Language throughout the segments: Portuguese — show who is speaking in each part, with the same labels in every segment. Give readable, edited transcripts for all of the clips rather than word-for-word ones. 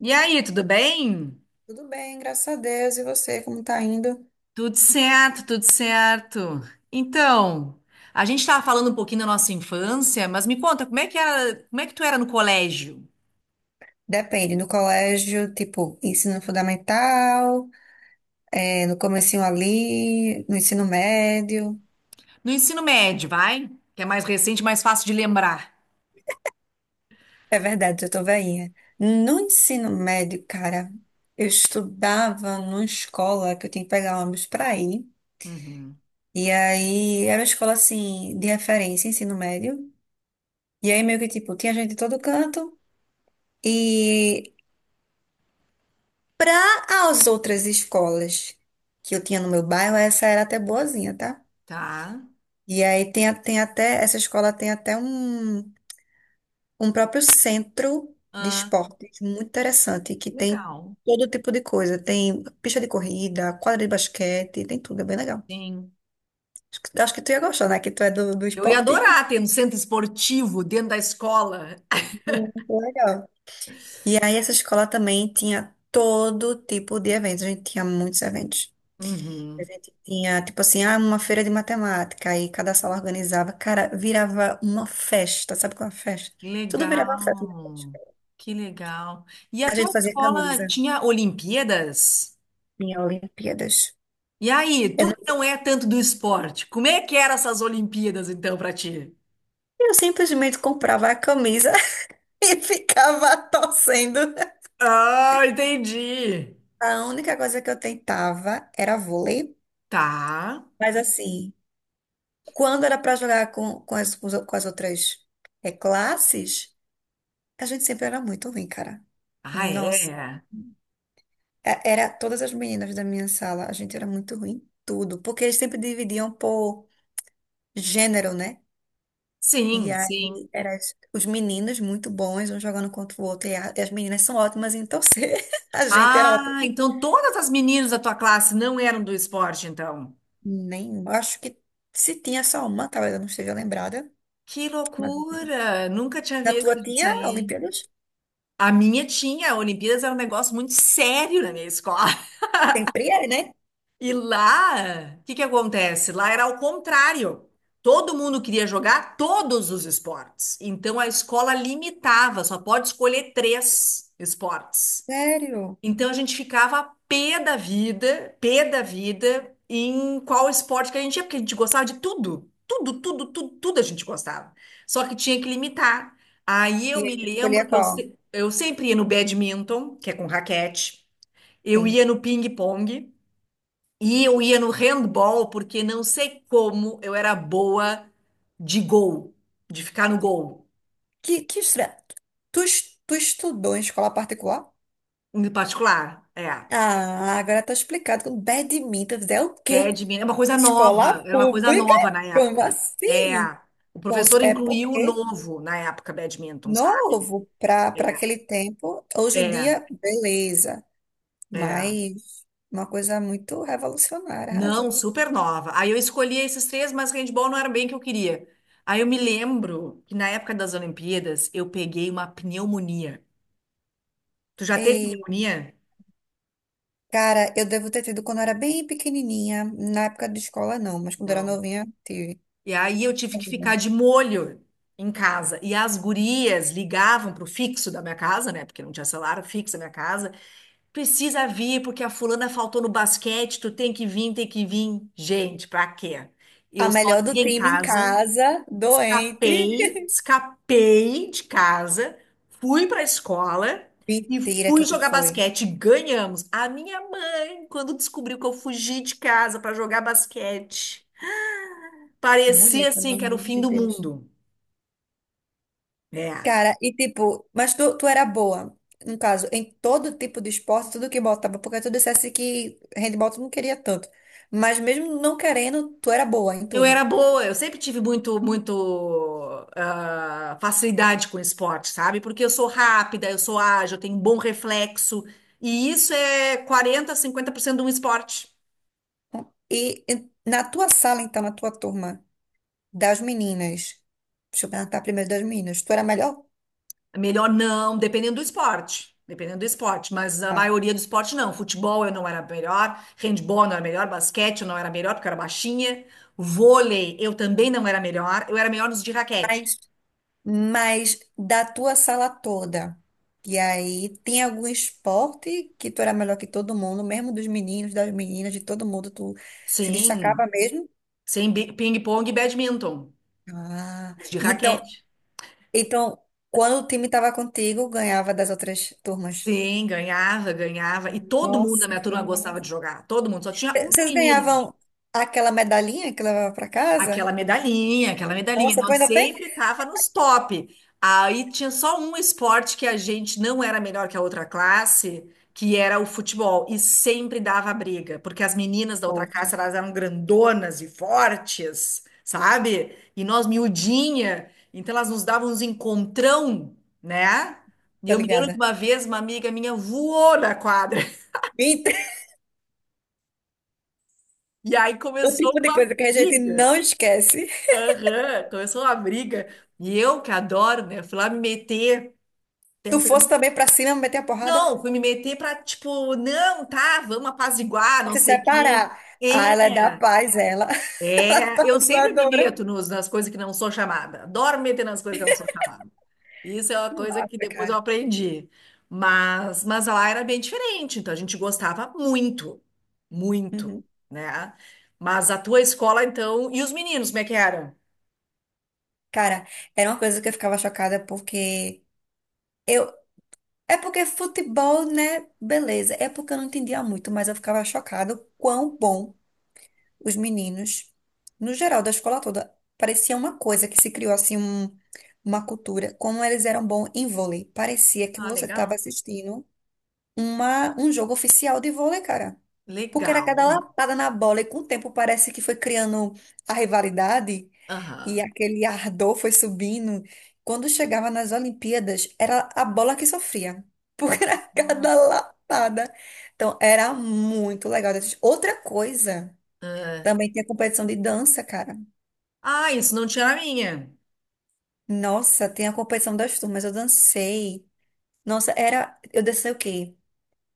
Speaker 1: E aí, tudo bem?
Speaker 2: Tudo bem, graças a Deus. E você, como tá indo?
Speaker 1: Tudo certo, tudo certo. Então, a gente estava falando um pouquinho da nossa infância, mas me conta, como é que era, como é que tu era no colégio?
Speaker 2: Depende, no colégio, tipo, ensino fundamental, é, no comecinho ali, no ensino médio.
Speaker 1: No ensino médio, vai? Que é mais recente, mais fácil de lembrar.
Speaker 2: É verdade, eu tô velhinha. No ensino médio, cara, eu estudava numa escola que eu tinha que pegar ônibus pra ir.
Speaker 1: Uhum.
Speaker 2: E aí, era uma escola, assim, de referência, ensino médio. E aí, meio que, tipo, tinha gente de todo canto. E Para as outras escolas que eu tinha no meu bairro, essa era até boazinha, tá?
Speaker 1: Tá?
Speaker 2: E aí tem até, essa escola tem até um próprio centro de
Speaker 1: Ah,
Speaker 2: esportes muito interessante, que tem
Speaker 1: legal.
Speaker 2: todo tipo de coisa. Tem pista de corrida, quadra de basquete, tem tudo, é bem legal.
Speaker 1: Sim.
Speaker 2: Acho que tu ia gostar, né? Que tu é do
Speaker 1: Eu ia
Speaker 2: esporte.
Speaker 1: adorar ter um centro esportivo dentro da escola.
Speaker 2: Muito legal. E aí essa escola também tinha todo tipo de eventos, a gente tinha muitos eventos. A
Speaker 1: Uhum.
Speaker 2: gente tinha, tipo assim, uma feira de matemática, aí cada sala organizava, cara, virava uma festa, sabe qual é a festa? Tudo
Speaker 1: Legal.
Speaker 2: virava uma festa.
Speaker 1: Que legal. E a
Speaker 2: A
Speaker 1: tua
Speaker 2: gente fazia
Speaker 1: escola
Speaker 2: camisa,
Speaker 1: tinha Olimpíadas?
Speaker 2: tinha Olimpíadas.
Speaker 1: E aí,
Speaker 2: Eu,
Speaker 1: tu que
Speaker 2: não-
Speaker 1: não é tanto do esporte, como é que eram essas Olimpíadas então pra ti?
Speaker 2: eu simplesmente comprava a camisa e ficava torcendo.
Speaker 1: Ah, entendi.
Speaker 2: A única coisa que eu tentava era vôlei,
Speaker 1: Tá.
Speaker 2: mas assim, quando era pra jogar com as outras classes, a gente sempre era muito ruim, cara.
Speaker 1: Ah,
Speaker 2: Nossa.
Speaker 1: é.
Speaker 2: Era todas as meninas da minha sala, a gente era muito ruim em tudo, porque eles sempre dividiam por gênero, né? E
Speaker 1: Sim, sim.
Speaker 2: aí eram os meninos muito bons, um jogando contra o outro, e as meninas são ótimas em torcer. A gente era
Speaker 1: Ah,
Speaker 2: ótima.
Speaker 1: então todas as meninas da tua classe não eram do esporte, então.
Speaker 2: Nem, acho que se tinha só uma, talvez eu não esteja lembrada,
Speaker 1: Que
Speaker 2: mas
Speaker 1: loucura! Nunca tinha
Speaker 2: na tua
Speaker 1: visto isso
Speaker 2: tinha
Speaker 1: aí.
Speaker 2: Olimpíadas?
Speaker 1: A minha tinha, a Olimpíadas era um negócio muito sério na minha escola.
Speaker 2: Sempre é, né?
Speaker 1: E lá, o que que acontece? Lá era ao contrário. Todo mundo queria jogar todos os esportes. Então a escola limitava, só pode escolher três esportes.
Speaker 2: Sério?
Speaker 1: Então a gente ficava pé da vida em qual esporte que a gente ia, porque a gente gostava de tudo. Tudo, tudo, tudo, tudo a gente gostava. Só que tinha que limitar. Aí
Speaker 2: E
Speaker 1: eu me
Speaker 2: aí tu escolhia
Speaker 1: lembro que
Speaker 2: qual?
Speaker 1: eu sempre ia no badminton, que é com raquete. Eu
Speaker 2: Sim.
Speaker 1: ia no ping-pong. E eu ia no handball porque não sei como eu era boa de gol, de ficar no gol,
Speaker 2: Que estranho. Tu estudou em escola particular?
Speaker 1: em particular. É,
Speaker 2: Ah, agora tá explicado. Com badminton é o quê?
Speaker 1: badminton de É uma coisa
Speaker 2: Escola
Speaker 1: nova, era uma coisa
Speaker 2: pública?
Speaker 1: nova na
Speaker 2: Como
Speaker 1: época. É,
Speaker 2: assim?
Speaker 1: o professor
Speaker 2: É
Speaker 1: incluiu o
Speaker 2: porque
Speaker 1: novo na época, badminton, sabe?
Speaker 2: novo para
Speaker 1: É,
Speaker 2: aquele tempo. Hoje em
Speaker 1: é.
Speaker 2: dia, beleza.
Speaker 1: é.
Speaker 2: Mas uma coisa muito revolucionária,
Speaker 1: Não,
Speaker 2: arrasou.
Speaker 1: super nova. Aí eu escolhi esses três, mas handball não era bem o que eu queria. Aí eu me lembro que na época das Olimpíadas eu peguei uma pneumonia. Tu já teve
Speaker 2: E,
Speaker 1: pneumonia?
Speaker 2: cara, eu devo ter tido quando eu era bem pequenininha. Na época de escola, não. Mas quando eu era
Speaker 1: Não.
Speaker 2: novinha, tive.
Speaker 1: E aí eu tive que ficar de molho em casa. E as gurias ligavam pro fixo da minha casa, né? Porque não tinha celular, o fixo da minha casa. Precisa vir, porque a fulana faltou no basquete, tu tem que vir, tem que vir. Gente, pra quê?
Speaker 2: A
Speaker 1: Eu
Speaker 2: melhor do
Speaker 1: sozinha em
Speaker 2: time em
Speaker 1: casa,
Speaker 2: casa, doente.
Speaker 1: escapei de casa, fui pra escola. E
Speaker 2: Mentira
Speaker 1: fui
Speaker 2: que tu
Speaker 1: jogar
Speaker 2: foi.
Speaker 1: basquete, ganhamos. A minha mãe, quando descobriu que eu fugi de casa pra jogar basquete, parecia
Speaker 2: Mulher, pelo
Speaker 1: assim que era o
Speaker 2: amor
Speaker 1: fim
Speaker 2: de
Speaker 1: do
Speaker 2: Deus.
Speaker 1: mundo. É.
Speaker 2: Cara, e tipo, mas tu era boa, no caso, em todo tipo de esporte, tudo que botava, porque tu dissesse que handball tu não queria tanto. Mas mesmo não querendo, tu era boa em
Speaker 1: Eu
Speaker 2: tudo.
Speaker 1: era boa, eu sempre tive muito facilidade com esporte, sabe? Porque eu sou rápida, eu sou ágil, eu tenho um bom reflexo. E isso é 40, 50% de um esporte.
Speaker 2: E, e na tua sala, então, na tua turma, das meninas, deixa eu perguntar primeiro das meninas, tu era melhor?
Speaker 1: Melhor não, dependendo do esporte. Dependendo do esporte, mas a
Speaker 2: Ah,
Speaker 1: maioria do esporte não. Futebol eu não era melhor, handball eu não era melhor, basquete eu não era melhor porque eu era baixinha. Vôlei eu também não era melhor, eu era melhor nos de raquete.
Speaker 2: Mas, mas da tua sala toda, e aí tem algum esporte que tu era melhor que todo mundo, mesmo dos meninos, das meninas, de todo mundo, tu se
Speaker 1: Sim,
Speaker 2: destacava mesmo?
Speaker 1: sem bi- ping-pong e badminton,
Speaker 2: Ah,
Speaker 1: os de
Speaker 2: então,
Speaker 1: raquete.
Speaker 2: então, quando o time estava contigo, ganhava das outras turmas.
Speaker 1: Sim, ganhava, ganhava. E todo mundo
Speaker 2: Nossa,
Speaker 1: na minha
Speaker 2: que
Speaker 1: turma gostava
Speaker 2: massa.
Speaker 1: de jogar. Todo mundo. Só tinha uma
Speaker 2: Vocês
Speaker 1: menina.
Speaker 2: ganhavam aquela medalhinha que levava para
Speaker 1: Aquela
Speaker 2: casa?
Speaker 1: medalhinha, aquela medalhinha.
Speaker 2: Nossa, tu
Speaker 1: Nós
Speaker 2: ainda tem?
Speaker 1: sempre tava nos top. Aí tinha só um esporte que a gente não era melhor que a outra classe, que era o futebol. E sempre dava briga. Porque as meninas da outra
Speaker 2: Poxa,
Speaker 1: classe, elas eram grandonas e fortes, sabe? E nós miudinha. Então elas nos davam uns encontrão, né? E
Speaker 2: tô
Speaker 1: eu me lembro de
Speaker 2: ligada.
Speaker 1: uma vez, uma amiga minha voou na quadra.
Speaker 2: Então,
Speaker 1: E aí
Speaker 2: o
Speaker 1: começou
Speaker 2: tipo de
Speaker 1: uma
Speaker 2: coisa que a gente
Speaker 1: briga.
Speaker 2: não esquece.
Speaker 1: Aham, começou uma briga. E eu, que adoro, né? Fui lá me meter,
Speaker 2: Tu
Speaker 1: tentando.
Speaker 2: fosse também pra cima, meter a porrada,
Speaker 1: Não, fui me meter pra, tipo, não, tá, vamos apaziguar, não
Speaker 2: se
Speaker 1: sei o quê.
Speaker 2: separar. Ah, ela é
Speaker 1: É,
Speaker 2: da paz, ela.
Speaker 1: eu sempre me
Speaker 2: Adora.
Speaker 1: meto nos, nas coisas que não sou chamada. Adoro me meter nas coisas que eu não sou chamada. Isso é uma
Speaker 2: Que
Speaker 1: coisa que
Speaker 2: massa,
Speaker 1: depois eu
Speaker 2: cara.
Speaker 1: aprendi. Mas lá era bem diferente, então a gente gostava muito, muito,
Speaker 2: Uhum.
Speaker 1: né? Mas a tua escola, então, e os meninos, como é que eram?
Speaker 2: Cara, era uma coisa que eu ficava chocada porque. Eu, É porque futebol, né? Beleza. É porque eu não entendia muito, mas eu ficava chocada o quão bom os meninos, no geral, da escola toda, parecia uma coisa que se criou assim uma cultura, como eles eram bons em vôlei. Parecia que
Speaker 1: Ah,
Speaker 2: você estava
Speaker 1: legal.
Speaker 2: assistindo um jogo oficial de vôlei, cara. Porque era cada
Speaker 1: Legal.
Speaker 2: lapada na bola e com o tempo parece que foi criando a rivalidade e
Speaker 1: Aham.
Speaker 2: aquele ardor foi subindo. Quando chegava nas Olimpíadas, era a bola que sofria, porque era cada
Speaker 1: Nossa.
Speaker 2: lapada. Então, era muito legal. Outra coisa,
Speaker 1: Ah,
Speaker 2: também tinha competição de dança, cara.
Speaker 1: Ah, isso não tinha na minha.
Speaker 2: Nossa, tem a competição das turmas, eu dancei. Nossa, era, eu dancei o quê?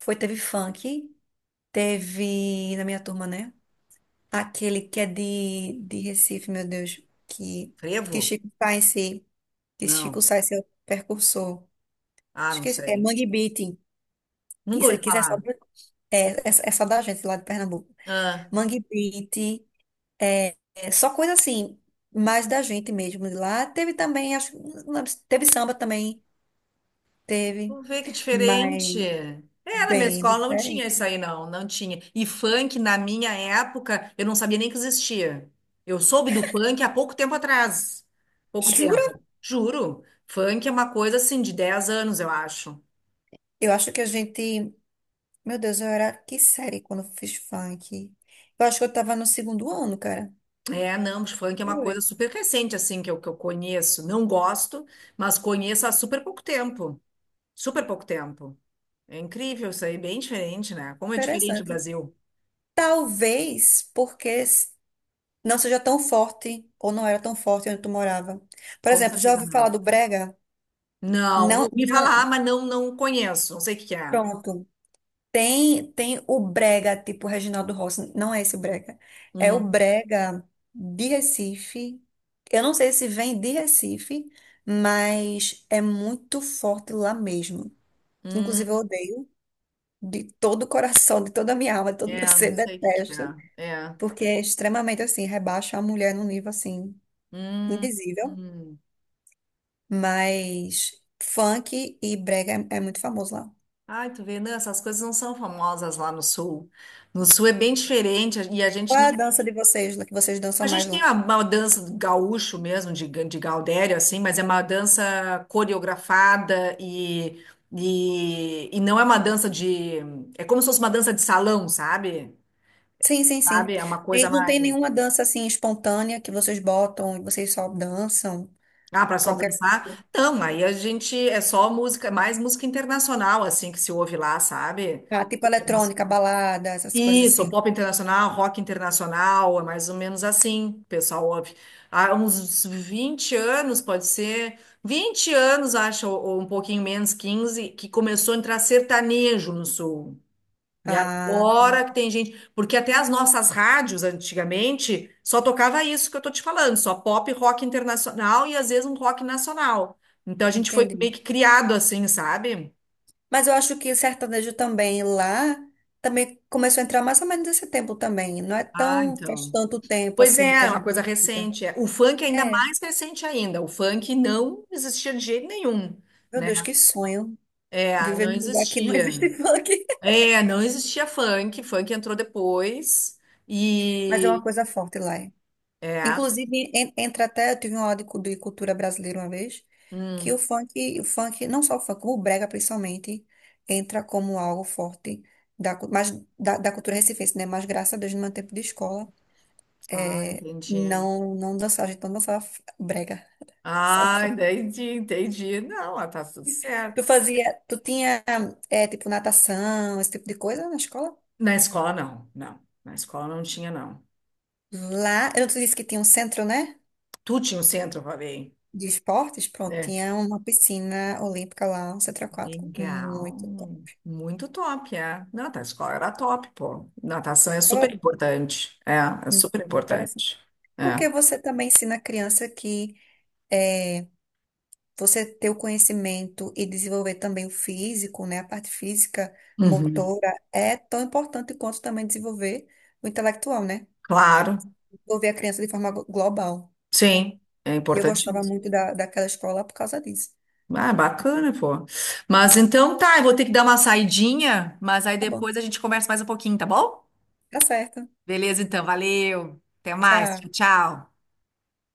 Speaker 2: Foi, teve funk, teve na minha turma, né? Aquele que é de Recife, meu Deus. Que
Speaker 1: Frevo?
Speaker 2: Chico Science, que Chico
Speaker 1: Não.
Speaker 2: Science é o percursor.
Speaker 1: Ah, não
Speaker 2: Esqueci, é
Speaker 1: sei.
Speaker 2: Mangue Beat, que
Speaker 1: Nunca
Speaker 2: isso,
Speaker 1: ouvi
Speaker 2: é, que isso é só,
Speaker 1: falar.
Speaker 2: do- é, é, é só da gente lá de Pernambuco.
Speaker 1: Ah,
Speaker 2: Mangue Beat, é só coisa assim, mais da gente mesmo de lá. Teve também, acho, não lembro teve samba também, teve,
Speaker 1: vamos ver que diferente.
Speaker 2: mas
Speaker 1: É, na minha
Speaker 2: bem
Speaker 1: escola não tinha isso
Speaker 2: diferente.
Speaker 1: aí, não. Não tinha. E funk, na minha época, eu não sabia nem que existia. Eu soube do funk há pouco tempo atrás. Pouco
Speaker 2: Jura?
Speaker 1: tempo. Juro. Funk é uma coisa assim de 10 anos, eu acho.
Speaker 2: Eu acho que a gente, meu Deus, eu era que série quando eu fiz funk. Eu acho que eu tava no segundo ano, cara.
Speaker 1: É, não, mas funk é uma coisa
Speaker 2: Oi,
Speaker 1: super recente, assim, que eu conheço. Não gosto, mas conheço há super pouco tempo. Super pouco tempo. É incrível isso aí, bem diferente, né? Como é diferente o
Speaker 2: interessante.
Speaker 1: Brasil.
Speaker 2: Talvez porque não seja tão forte ou não era tão forte onde tu morava. Por
Speaker 1: Com
Speaker 2: exemplo, já
Speaker 1: certeza
Speaker 2: ouviu
Speaker 1: não.
Speaker 2: falar do brega?
Speaker 1: Não, eu
Speaker 2: Não,
Speaker 1: ouvi falar,
Speaker 2: não,
Speaker 1: mas não, não conheço. Não sei o que que é.
Speaker 2: pronto. Tem o brega tipo Reginaldo Rossi, não é esse o brega. É o
Speaker 1: Hum,
Speaker 2: brega de Recife. Eu não sei se vem de Recife, mas é muito forte lá mesmo. Inclusive, eu
Speaker 1: hum,
Speaker 2: odeio de todo o coração, de toda a minha alma, de todo o
Speaker 1: é,
Speaker 2: meu ser,
Speaker 1: não sei o que que
Speaker 2: detesto.
Speaker 1: é. É.
Speaker 2: Porque é extremamente assim, rebaixa a mulher num nível assim,
Speaker 1: Hum,
Speaker 2: indizível.
Speaker 1: hum.
Speaker 2: Mas funk e brega é muito famoso lá.
Speaker 1: Ai, tu vê, não, essas coisas não são famosas lá no sul. No sul é bem diferente e a gente
Speaker 2: Qual é a dança de vocês, lá que vocês
Speaker 1: A
Speaker 2: dançam mais
Speaker 1: gente tem
Speaker 2: lá?
Speaker 1: uma dança do gaúcho mesmo, de, ga- de Gaudério, assim, mas é uma dança coreografada e não é uma dança de. É como se fosse uma dança de salão, sabe?
Speaker 2: Sim, sim, sim.
Speaker 1: Sabe? É uma
Speaker 2: E
Speaker 1: coisa
Speaker 2: não tem
Speaker 1: mais.
Speaker 2: nenhuma dança assim espontânea que vocês botam e vocês só dançam?
Speaker 1: Ah, para só
Speaker 2: Qualquer coisa.
Speaker 1: dançar? Não, aí a gente. É só música, mais música internacional, assim, que se ouve lá, sabe?
Speaker 2: Ah, tipo eletrônica, balada, essas coisas
Speaker 1: Isso,
Speaker 2: assim.
Speaker 1: pop internacional, rock internacional, é mais ou menos assim, pessoal. Ouve. Há uns 20 anos, pode ser, 20 anos, acho, ou um pouquinho menos, 15, que começou a entrar sertanejo no sul. E
Speaker 2: Ah,
Speaker 1: agora que tem gente, porque até as nossas rádios antigamente só tocava isso que eu tô te falando, só pop, rock internacional e às vezes um rock nacional. Então a gente foi meio
Speaker 2: entendi.
Speaker 1: que criado assim, sabe?
Speaker 2: Mas eu acho que sertanejo também lá também começou a entrar mais ou menos nesse tempo também. Não é
Speaker 1: Ah,
Speaker 2: tão faz
Speaker 1: então.
Speaker 2: tanto tempo
Speaker 1: Pois
Speaker 2: assim que
Speaker 1: é,
Speaker 2: a
Speaker 1: é uma
Speaker 2: gente.
Speaker 1: coisa recente. É. O funk é ainda
Speaker 2: É,
Speaker 1: mais recente ainda. O funk não existia de jeito nenhum,
Speaker 2: meu
Speaker 1: né?
Speaker 2: Deus, que sonho
Speaker 1: É,
Speaker 2: viver
Speaker 1: não
Speaker 2: num lugar que não
Speaker 1: existia.
Speaker 2: existe funk.
Speaker 1: É, não existia funk. Funk entrou depois
Speaker 2: Mas é
Speaker 1: e
Speaker 2: uma coisa forte lá. É.
Speaker 1: é.
Speaker 2: Inclusive, entra até, eu tive uma aula de cultura brasileira uma vez, que o
Speaker 1: Hum,
Speaker 2: funk, o funk, não só o funk, o brega principalmente, entra como algo forte da, cu- mas, da cultura recifense, né? Mas graças a Deus, no meu tempo de escola,
Speaker 1: Ah, entendi.
Speaker 2: não dançava, a gente não dançava brega. Só o
Speaker 1: Ah,
Speaker 2: funk.
Speaker 1: entendi, entendi. Não, ah, tá tudo
Speaker 2: Tu
Speaker 1: certo.
Speaker 2: fazia, tu tinha, é, tipo, natação, esse tipo de coisa na escola?
Speaker 1: Na escola não, não. Na escola não tinha não.
Speaker 2: Lá, eu não te disse que tinha um centro, né?
Speaker 1: Tu tinha o centro, eu falei.
Speaker 2: De esportes, pronto,
Speaker 1: Né?
Speaker 2: tinha uma piscina olímpica lá, um centro aquático,
Speaker 1: Legal.
Speaker 2: muito top.
Speaker 1: Muito top, é. Não, tá, a escola era top, pô. Natação é super
Speaker 2: Agora,
Speaker 1: importante. É, é
Speaker 2: muito
Speaker 1: super
Speaker 2: interessante.
Speaker 1: importante. É.
Speaker 2: Porque você também ensina a criança que é, você ter o conhecimento e desenvolver também o físico, né? A parte física,
Speaker 1: Uhum.
Speaker 2: motora, é tão importante quanto também desenvolver o intelectual, né?
Speaker 1: Claro,
Speaker 2: Desenvolver a criança de forma global.
Speaker 1: sim, é
Speaker 2: E eu
Speaker 1: importante
Speaker 2: gostava
Speaker 1: isso.
Speaker 2: muito daquela escola por causa disso.
Speaker 1: Ah, bacana, pô. Mas então tá, eu vou ter que dar uma saidinha, mas aí
Speaker 2: Tá bom,
Speaker 1: depois a gente conversa mais um pouquinho, tá bom?
Speaker 2: tá certo.
Speaker 1: Beleza, então, valeu. Até mais.
Speaker 2: Tchau.
Speaker 1: Tchau, tchau.